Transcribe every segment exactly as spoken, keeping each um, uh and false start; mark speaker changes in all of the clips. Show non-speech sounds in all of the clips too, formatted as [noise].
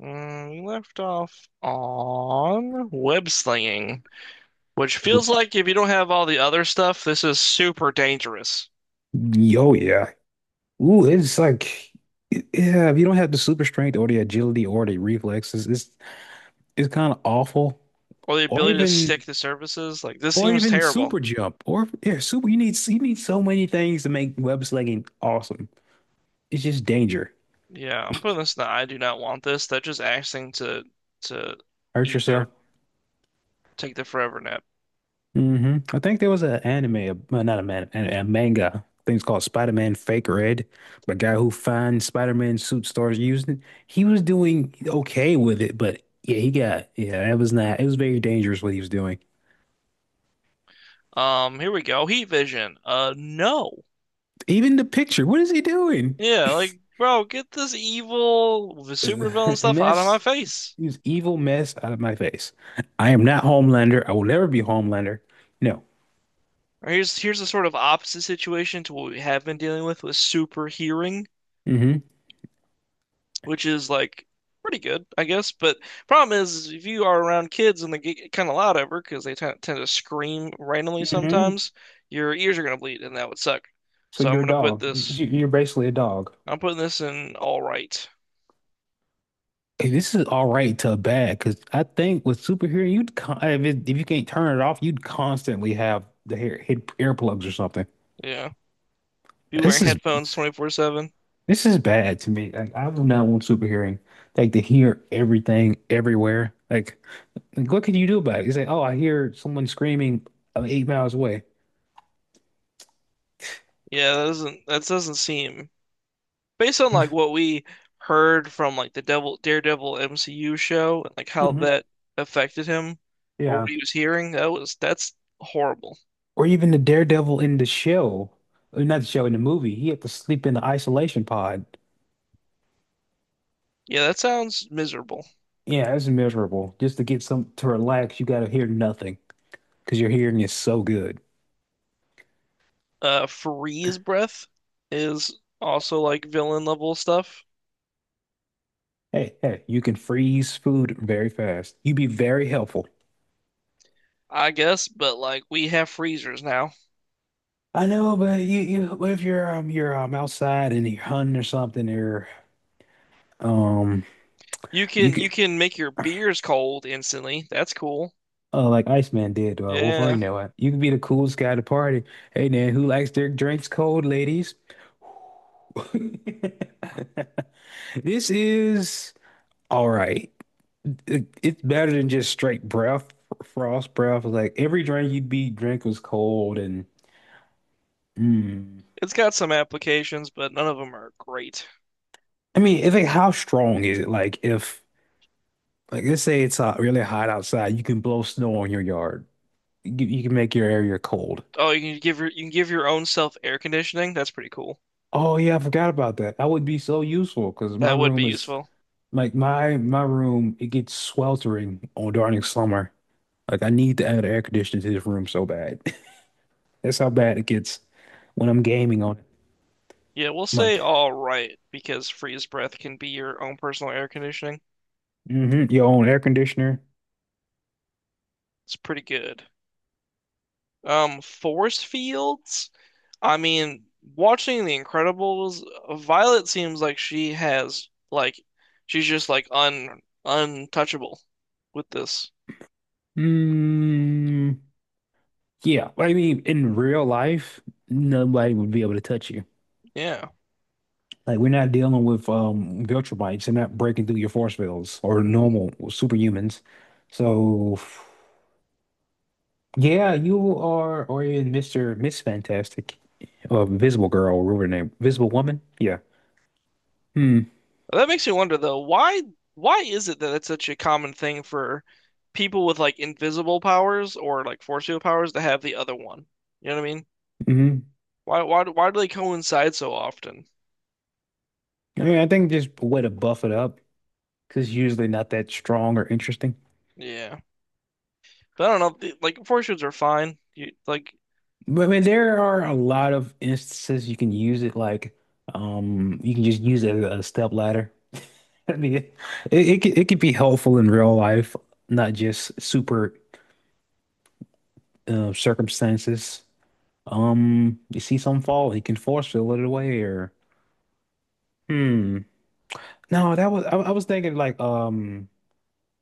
Speaker 1: Mm, we left off on web slinging, which feels
Speaker 2: Well,
Speaker 1: like if you don't have all the other stuff, this is super dangerous.
Speaker 2: yo, yeah. Ooh, it's like, yeah, if you don't have the super strength or the agility or the reflexes, it's it's kind of awful.
Speaker 1: Or the
Speaker 2: Or
Speaker 1: ability to
Speaker 2: even,
Speaker 1: stick to surfaces, like this
Speaker 2: or
Speaker 1: seems
Speaker 2: even
Speaker 1: terrible.
Speaker 2: super jump, or yeah, super. You need you need so many things to make web slinging awesome. It's just danger.
Speaker 1: Yeah, I'm putting this in the I do not want this. That just asking to to
Speaker 2: Hurt
Speaker 1: eat dirt.
Speaker 2: yourself.
Speaker 1: Take the forever nap.
Speaker 2: hmm I think there was an anime, a, well, not a man, a, a manga. I think it's called Spider-Man Fake Red. But guy who finds Spider-Man suit starts using it. He was doing okay with it, but yeah, he got yeah. That was not. It was very dangerous what he was doing.
Speaker 1: Um, here we go. Heat vision. Uh, no.
Speaker 2: Even the picture. What is he doing?
Speaker 1: Yeah, like bro, get this evil
Speaker 2: Ugh,
Speaker 1: supervillain
Speaker 2: [laughs]
Speaker 1: stuff out of my
Speaker 2: mess.
Speaker 1: face.
Speaker 2: He evil mess out of my face. I am not Homelander. I will never be Homelander. No.
Speaker 1: Or here's here's a sort of opposite situation to what we have been dealing with with super hearing,
Speaker 2: Hmm.
Speaker 1: which is like pretty good, I guess. But problem is, is if you are around kids and they get kind of loud ever because they tend tend to scream randomly
Speaker 2: Hmm.
Speaker 1: sometimes, your ears are gonna bleed, and that would suck.
Speaker 2: So
Speaker 1: So I'm
Speaker 2: you're a
Speaker 1: gonna put
Speaker 2: dog.
Speaker 1: this.
Speaker 2: You- You're basically a dog.
Speaker 1: I'm putting this in all right.
Speaker 2: Hey, this is all right to bad because I think with superhero, you'd con if, it, if you can't turn it off, you'd constantly have the hair hit earplugs or something.
Speaker 1: Yeah, be wearing
Speaker 2: This is
Speaker 1: headphones twenty-four seven.
Speaker 2: this is bad to me. Like I do not want superhearing, like to hear everything everywhere. Like, like, what can you do about it? You say, oh, I hear someone screaming uh, eight miles away.
Speaker 1: Yeah, that doesn't that doesn't seem based on like what we heard from like the Devil Daredevil M C U show and like how
Speaker 2: Hmm.
Speaker 1: that affected him or what
Speaker 2: Yeah,
Speaker 1: he was hearing, that was that's horrible.
Speaker 2: or even the Daredevil in the show, uh, not the show in the movie. He had to sleep in the isolation pod.
Speaker 1: Yeah, that sounds miserable.
Speaker 2: Yeah, that's miserable. Just to get some to relax, you got to hear nothing, because your hearing is so good.
Speaker 1: Uh, freeze breath is also like villain level stuff,
Speaker 2: Hey, hey, you can freeze food very fast. You'd be very helpful.
Speaker 1: I guess, but like we have freezers now.
Speaker 2: I know, but you, you if you're um you're um outside and you're hunting or something or um
Speaker 1: You
Speaker 2: you
Speaker 1: can you
Speaker 2: could
Speaker 1: can make your beers cold instantly. That's cool.
Speaker 2: uh like Iceman did to uh,
Speaker 1: Yeah,
Speaker 2: Wolverine way. You could be the coolest guy at the party. Hey man, who likes their drinks cold, ladies? [laughs] This is all right. It- it's better than just straight breath, frost breath. Like every drink you'd be drink was cold and Mm.
Speaker 1: it's got some applications, but none of them are great.
Speaker 2: I mean, if it, how strong is it? Like if like let's say it's uh, really hot outside, you can blow snow on your yard. You, you can make your area cold.
Speaker 1: Oh, you can give your you can give your own self air conditioning. That's pretty cool.
Speaker 2: Oh yeah, I forgot about that. That would be so useful because my
Speaker 1: That would be
Speaker 2: room is
Speaker 1: useful.
Speaker 2: like my my room, it gets sweltering on during summer. Like I need to add air conditioning to this room so bad. [laughs] That's how bad it gets when I'm gaming on it.
Speaker 1: Yeah, we'll
Speaker 2: My,
Speaker 1: say all right because freeze breath can be your own personal air conditioning.
Speaker 2: hmm. Your own air conditioner.
Speaker 1: It's pretty good. Um, force fields? I mean, watching The Incredibles, Violet seems like she has like she's just like un untouchable with this.
Speaker 2: Mm, yeah, I mean, in real life, nobody would be able to touch you.
Speaker 1: Yeah.
Speaker 2: Like we're not dealing with um vulture bites. They're not breaking through your force fields or
Speaker 1: N-
Speaker 2: normal superhumans. So yeah, you are or in Mister Miss Fantastic, or Invisible Girl, or whatever her name, Visible Woman. Yeah. Hmm.
Speaker 1: That makes me wonder though, why why is it that it's such a common thing for people with like invisible powers or like force field powers to have the other one? You know what I mean?
Speaker 2: Hmm.
Speaker 1: Why why do- why do they coincide so often?
Speaker 2: I mean, I think just a way to buff it up because usually not that strong or interesting.
Speaker 1: Yeah, but I don't know. the- Like fortunes are fine. You like
Speaker 2: But I mean, there are a lot of instances you can use it like um you can just use it as a step ladder. [laughs] I mean, it it could, it could be helpful in real life, not just super uh, circumstances. Um, you see some fall, he can force fill it away, or hmm. No, that was I, I was thinking like um,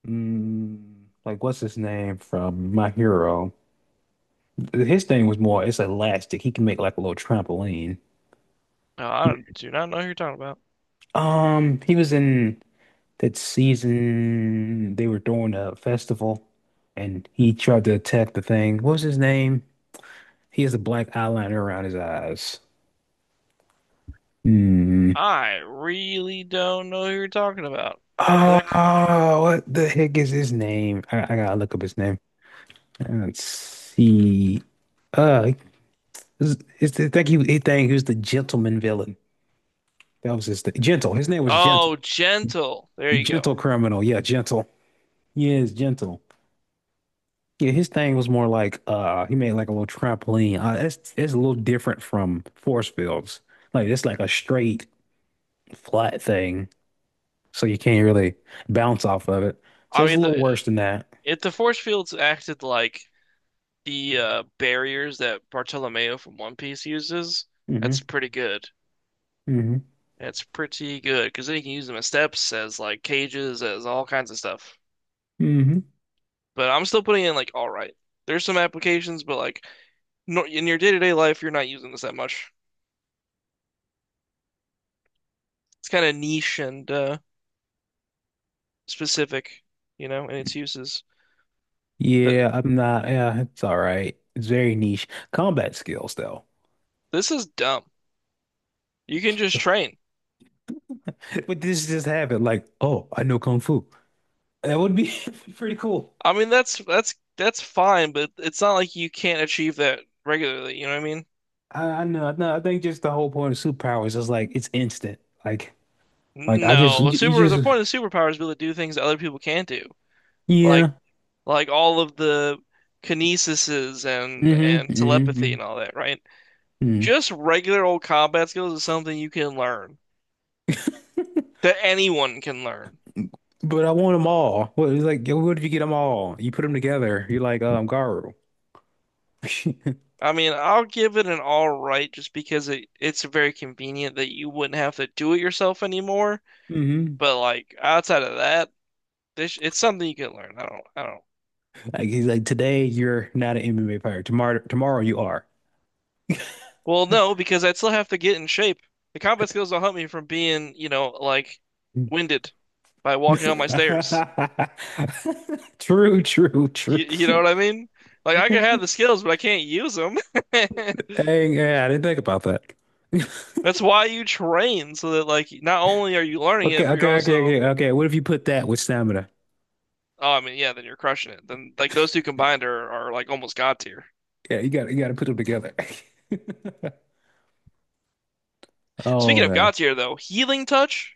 Speaker 2: mm, like what's his name from My Hero? His thing was more it's elastic. He can make like a little trampoline.
Speaker 1: no, I don't, do not know who you're talking about.
Speaker 2: Um, he was in that season they were doing a festival and he tried to attack the thing. What was his name? He has a black eyeliner around his eyes. Hmm.
Speaker 1: I really don't know who you're talking about. What the heck?
Speaker 2: Oh, what the heck is his name? I, I gotta look up his name. Let's see. Uh, it's, it's I think he, he think he was the gentleman villain. That was his thing. Gentle. His name was Gentle.
Speaker 1: Oh, gentle. There you go.
Speaker 2: Gentle criminal. Yeah, Gentle. Yes, Gentle. Yeah, his thing was more like uh, he made like a little trampoline. Uh, it's it's a little different from force fields. Like it's like a straight flat thing, so you can't really bounce off of it. So
Speaker 1: I
Speaker 2: it's
Speaker 1: mean,
Speaker 2: a little
Speaker 1: the
Speaker 2: worse than that.
Speaker 1: if the force fields acted like the uh, barriers that Bartolomeo from One Piece uses, that's
Speaker 2: Hmm.
Speaker 1: pretty good.
Speaker 2: Hmm.
Speaker 1: That's pretty good because then you can use them as steps, as like cages, as all kinds of stuff.
Speaker 2: Hmm.
Speaker 1: But I'm still putting in like all right. There's some applications, but like no, in your day-to-day life, you're not using this that much. It's kind of niche and uh, specific, you know, in its uses. That
Speaker 2: Yeah, I'm not. Yeah, it's all right. It's very niche combat skills, though.
Speaker 1: This is dumb. You can just train.
Speaker 2: [laughs] But this just happened. Like, oh, I know kung fu. That would be [laughs] pretty cool.
Speaker 1: I mean, that's that's that's fine, but it's not like you can't achieve that regularly. You know what I mean?
Speaker 2: I, I know. I know. I think just the whole point of superpowers is like it's instant. Like, like I just
Speaker 1: No,
Speaker 2: you you
Speaker 1: super. The
Speaker 2: just
Speaker 1: point of superpower is to be able to do things that other people can't do, like
Speaker 2: yeah.
Speaker 1: like all of the kinesises and
Speaker 2: Hmm.
Speaker 1: and telepathy and
Speaker 2: Hmm.
Speaker 1: all that, right?
Speaker 2: Hmm.
Speaker 1: Just regular old combat skills is something you can learn that anyone can learn.
Speaker 2: But I want them all. What it's like? What if you get them all? You put them together. You're like um Garu. [laughs]
Speaker 1: I mean, I'll give it an all right just because it it's very convenient that you wouldn't have to do it yourself anymore.
Speaker 2: Hmm.
Speaker 1: But like outside of that, this it's something you can learn. I don't, I don't.
Speaker 2: Like he's like, today you're not an M M A fighter. Tomorrow, tomorrow you are.
Speaker 1: Well, no, because I'd still have to get in shape. The combat skills don't help me from being, you know, like winded by walking on my stairs.
Speaker 2: [laughs] True, true, true.
Speaker 1: You, you know what I mean? Like I can have the skills, but I can't use them. [laughs]
Speaker 2: Dang, yeah, I didn't think about that.
Speaker 1: That's
Speaker 2: [laughs]
Speaker 1: why you train so that like not only are you learning
Speaker 2: Okay,
Speaker 1: it, but you're
Speaker 2: okay, okay,
Speaker 1: also
Speaker 2: okay, okay. What if you put that with stamina?
Speaker 1: oh, I mean, yeah, then you're crushing it. Then like those two combined are are like almost god tier.
Speaker 2: Yeah, you got you got to put them together. [laughs] Oh
Speaker 1: Speaking of
Speaker 2: man.
Speaker 1: god tier though, healing touch,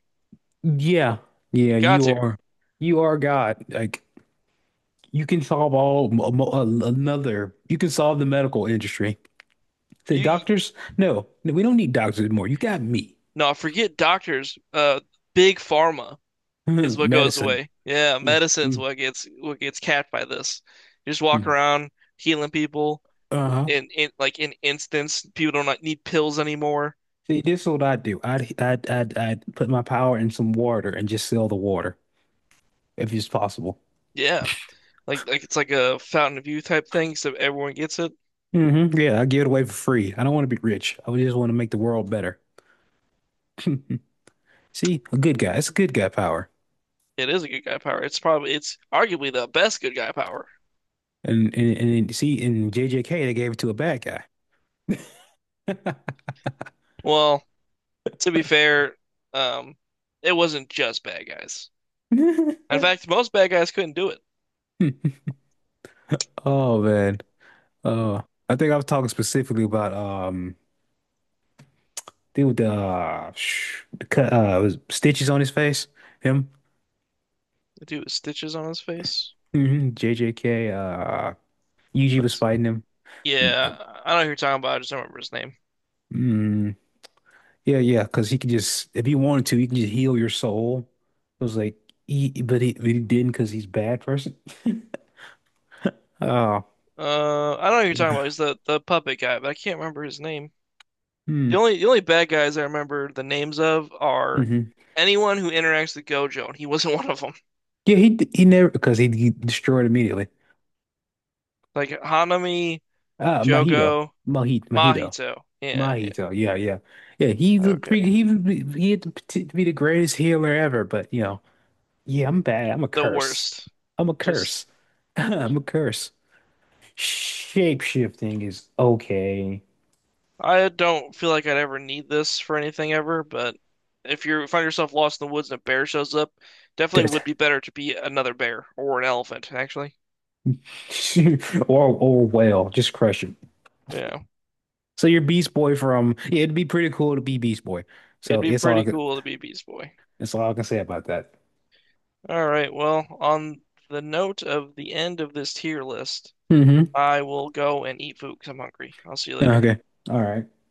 Speaker 2: Yeah. Yeah,
Speaker 1: god
Speaker 2: you
Speaker 1: tier.
Speaker 2: are you are God. Like you can solve all mo- mo- a- another. You can solve the medical industry. The
Speaker 1: You, you
Speaker 2: doctors? No, no, we don't need doctors anymore. You got me.
Speaker 1: no, forget doctors. Uh, big pharma is
Speaker 2: [laughs]
Speaker 1: what goes
Speaker 2: Medicine.
Speaker 1: away. Yeah, medicine's
Speaker 2: Mm-hmm.
Speaker 1: what gets what gets capped by this. You just walk around healing people
Speaker 2: Uh-huh.
Speaker 1: in in like in instance, people don't like, need pills anymore.
Speaker 2: See, this is what I do. I'd, I'd I'd I'd put my power in some water and just sell the water if it's possible.
Speaker 1: Yeah. Like like it's like a Fountain of Youth type thing, so everyone gets it.
Speaker 2: Hmm. Yeah, I give it away for free. I don't want to be rich. I just want to make the world better. [laughs] See, a good guy. It's a good guy power.
Speaker 1: It is a good guy power. It's probably it's arguably the best good guy power.
Speaker 2: And and, and then, see, in J J K they gave it to a bad guy.
Speaker 1: Well, to be fair, um, it wasn't just bad guys. In
Speaker 2: [laughs]
Speaker 1: fact, most bad guys couldn't do it.
Speaker 2: Oh man. Uh, I think I was talking specifically about um dude the uh, sh- the cut uh was stitches on his face. Him.
Speaker 1: The dude with stitches on his face.
Speaker 2: Hmm. J J K, uh, Yuji was
Speaker 1: What's
Speaker 2: fighting him. Mm,
Speaker 1: yeah, I know who you're talking about. I just don't remember his name.
Speaker 2: mm, yeah, yeah, because he could just, if he wanted to, he can just heal your soul. It was like, he, but he, but he didn't because he's a bad person. [laughs] Oh,
Speaker 1: Uh, I don't know who you're talking about.
Speaker 2: yeah.
Speaker 1: He's the the puppet guy, but I can't remember his name.
Speaker 2: Mm.
Speaker 1: The only the only bad guys I remember the names of
Speaker 2: Hmm.
Speaker 1: are
Speaker 2: Mm-hmm.
Speaker 1: anyone who interacts with Gojo, and he wasn't [laughs] one of them.
Speaker 2: Yeah, he d- he never because he, he destroyed immediately.
Speaker 1: Like Hanami,
Speaker 2: Ah, Mahito,
Speaker 1: Jogo,
Speaker 2: Mahito, Mahito,
Speaker 1: Mahito. Yeah, yeah.
Speaker 2: Mahito. Yeah, yeah, yeah. He the cre-
Speaker 1: Okay.
Speaker 2: he was- he had the poti- to be the greatest healer ever, but you know, yeah, I'm bad. I'm a
Speaker 1: The
Speaker 2: curse.
Speaker 1: worst.
Speaker 2: I'm a
Speaker 1: Just
Speaker 2: curse. [laughs] I'm a curse. Shapeshifting is okay.
Speaker 1: I don't feel like I'd ever need this for anything ever, but if you find yourself lost in the woods and a bear shows up, definitely would be
Speaker 2: [laughs]
Speaker 1: better to be another bear or an elephant, actually.
Speaker 2: or or well, just crush it.
Speaker 1: Yeah,
Speaker 2: So you're Beast Boy from yeah, it'd be pretty cool to be Beast Boy.
Speaker 1: it'd
Speaker 2: So
Speaker 1: be
Speaker 2: it's all
Speaker 1: pretty
Speaker 2: it's
Speaker 1: cool to be Beast Boy.
Speaker 2: all I can say about that.
Speaker 1: All right, well, on the note of the end of this tier list,
Speaker 2: Mm-hmm.
Speaker 1: I will go and eat food because 'cause I'm hungry. I'll see you later.
Speaker 2: Okay. All right.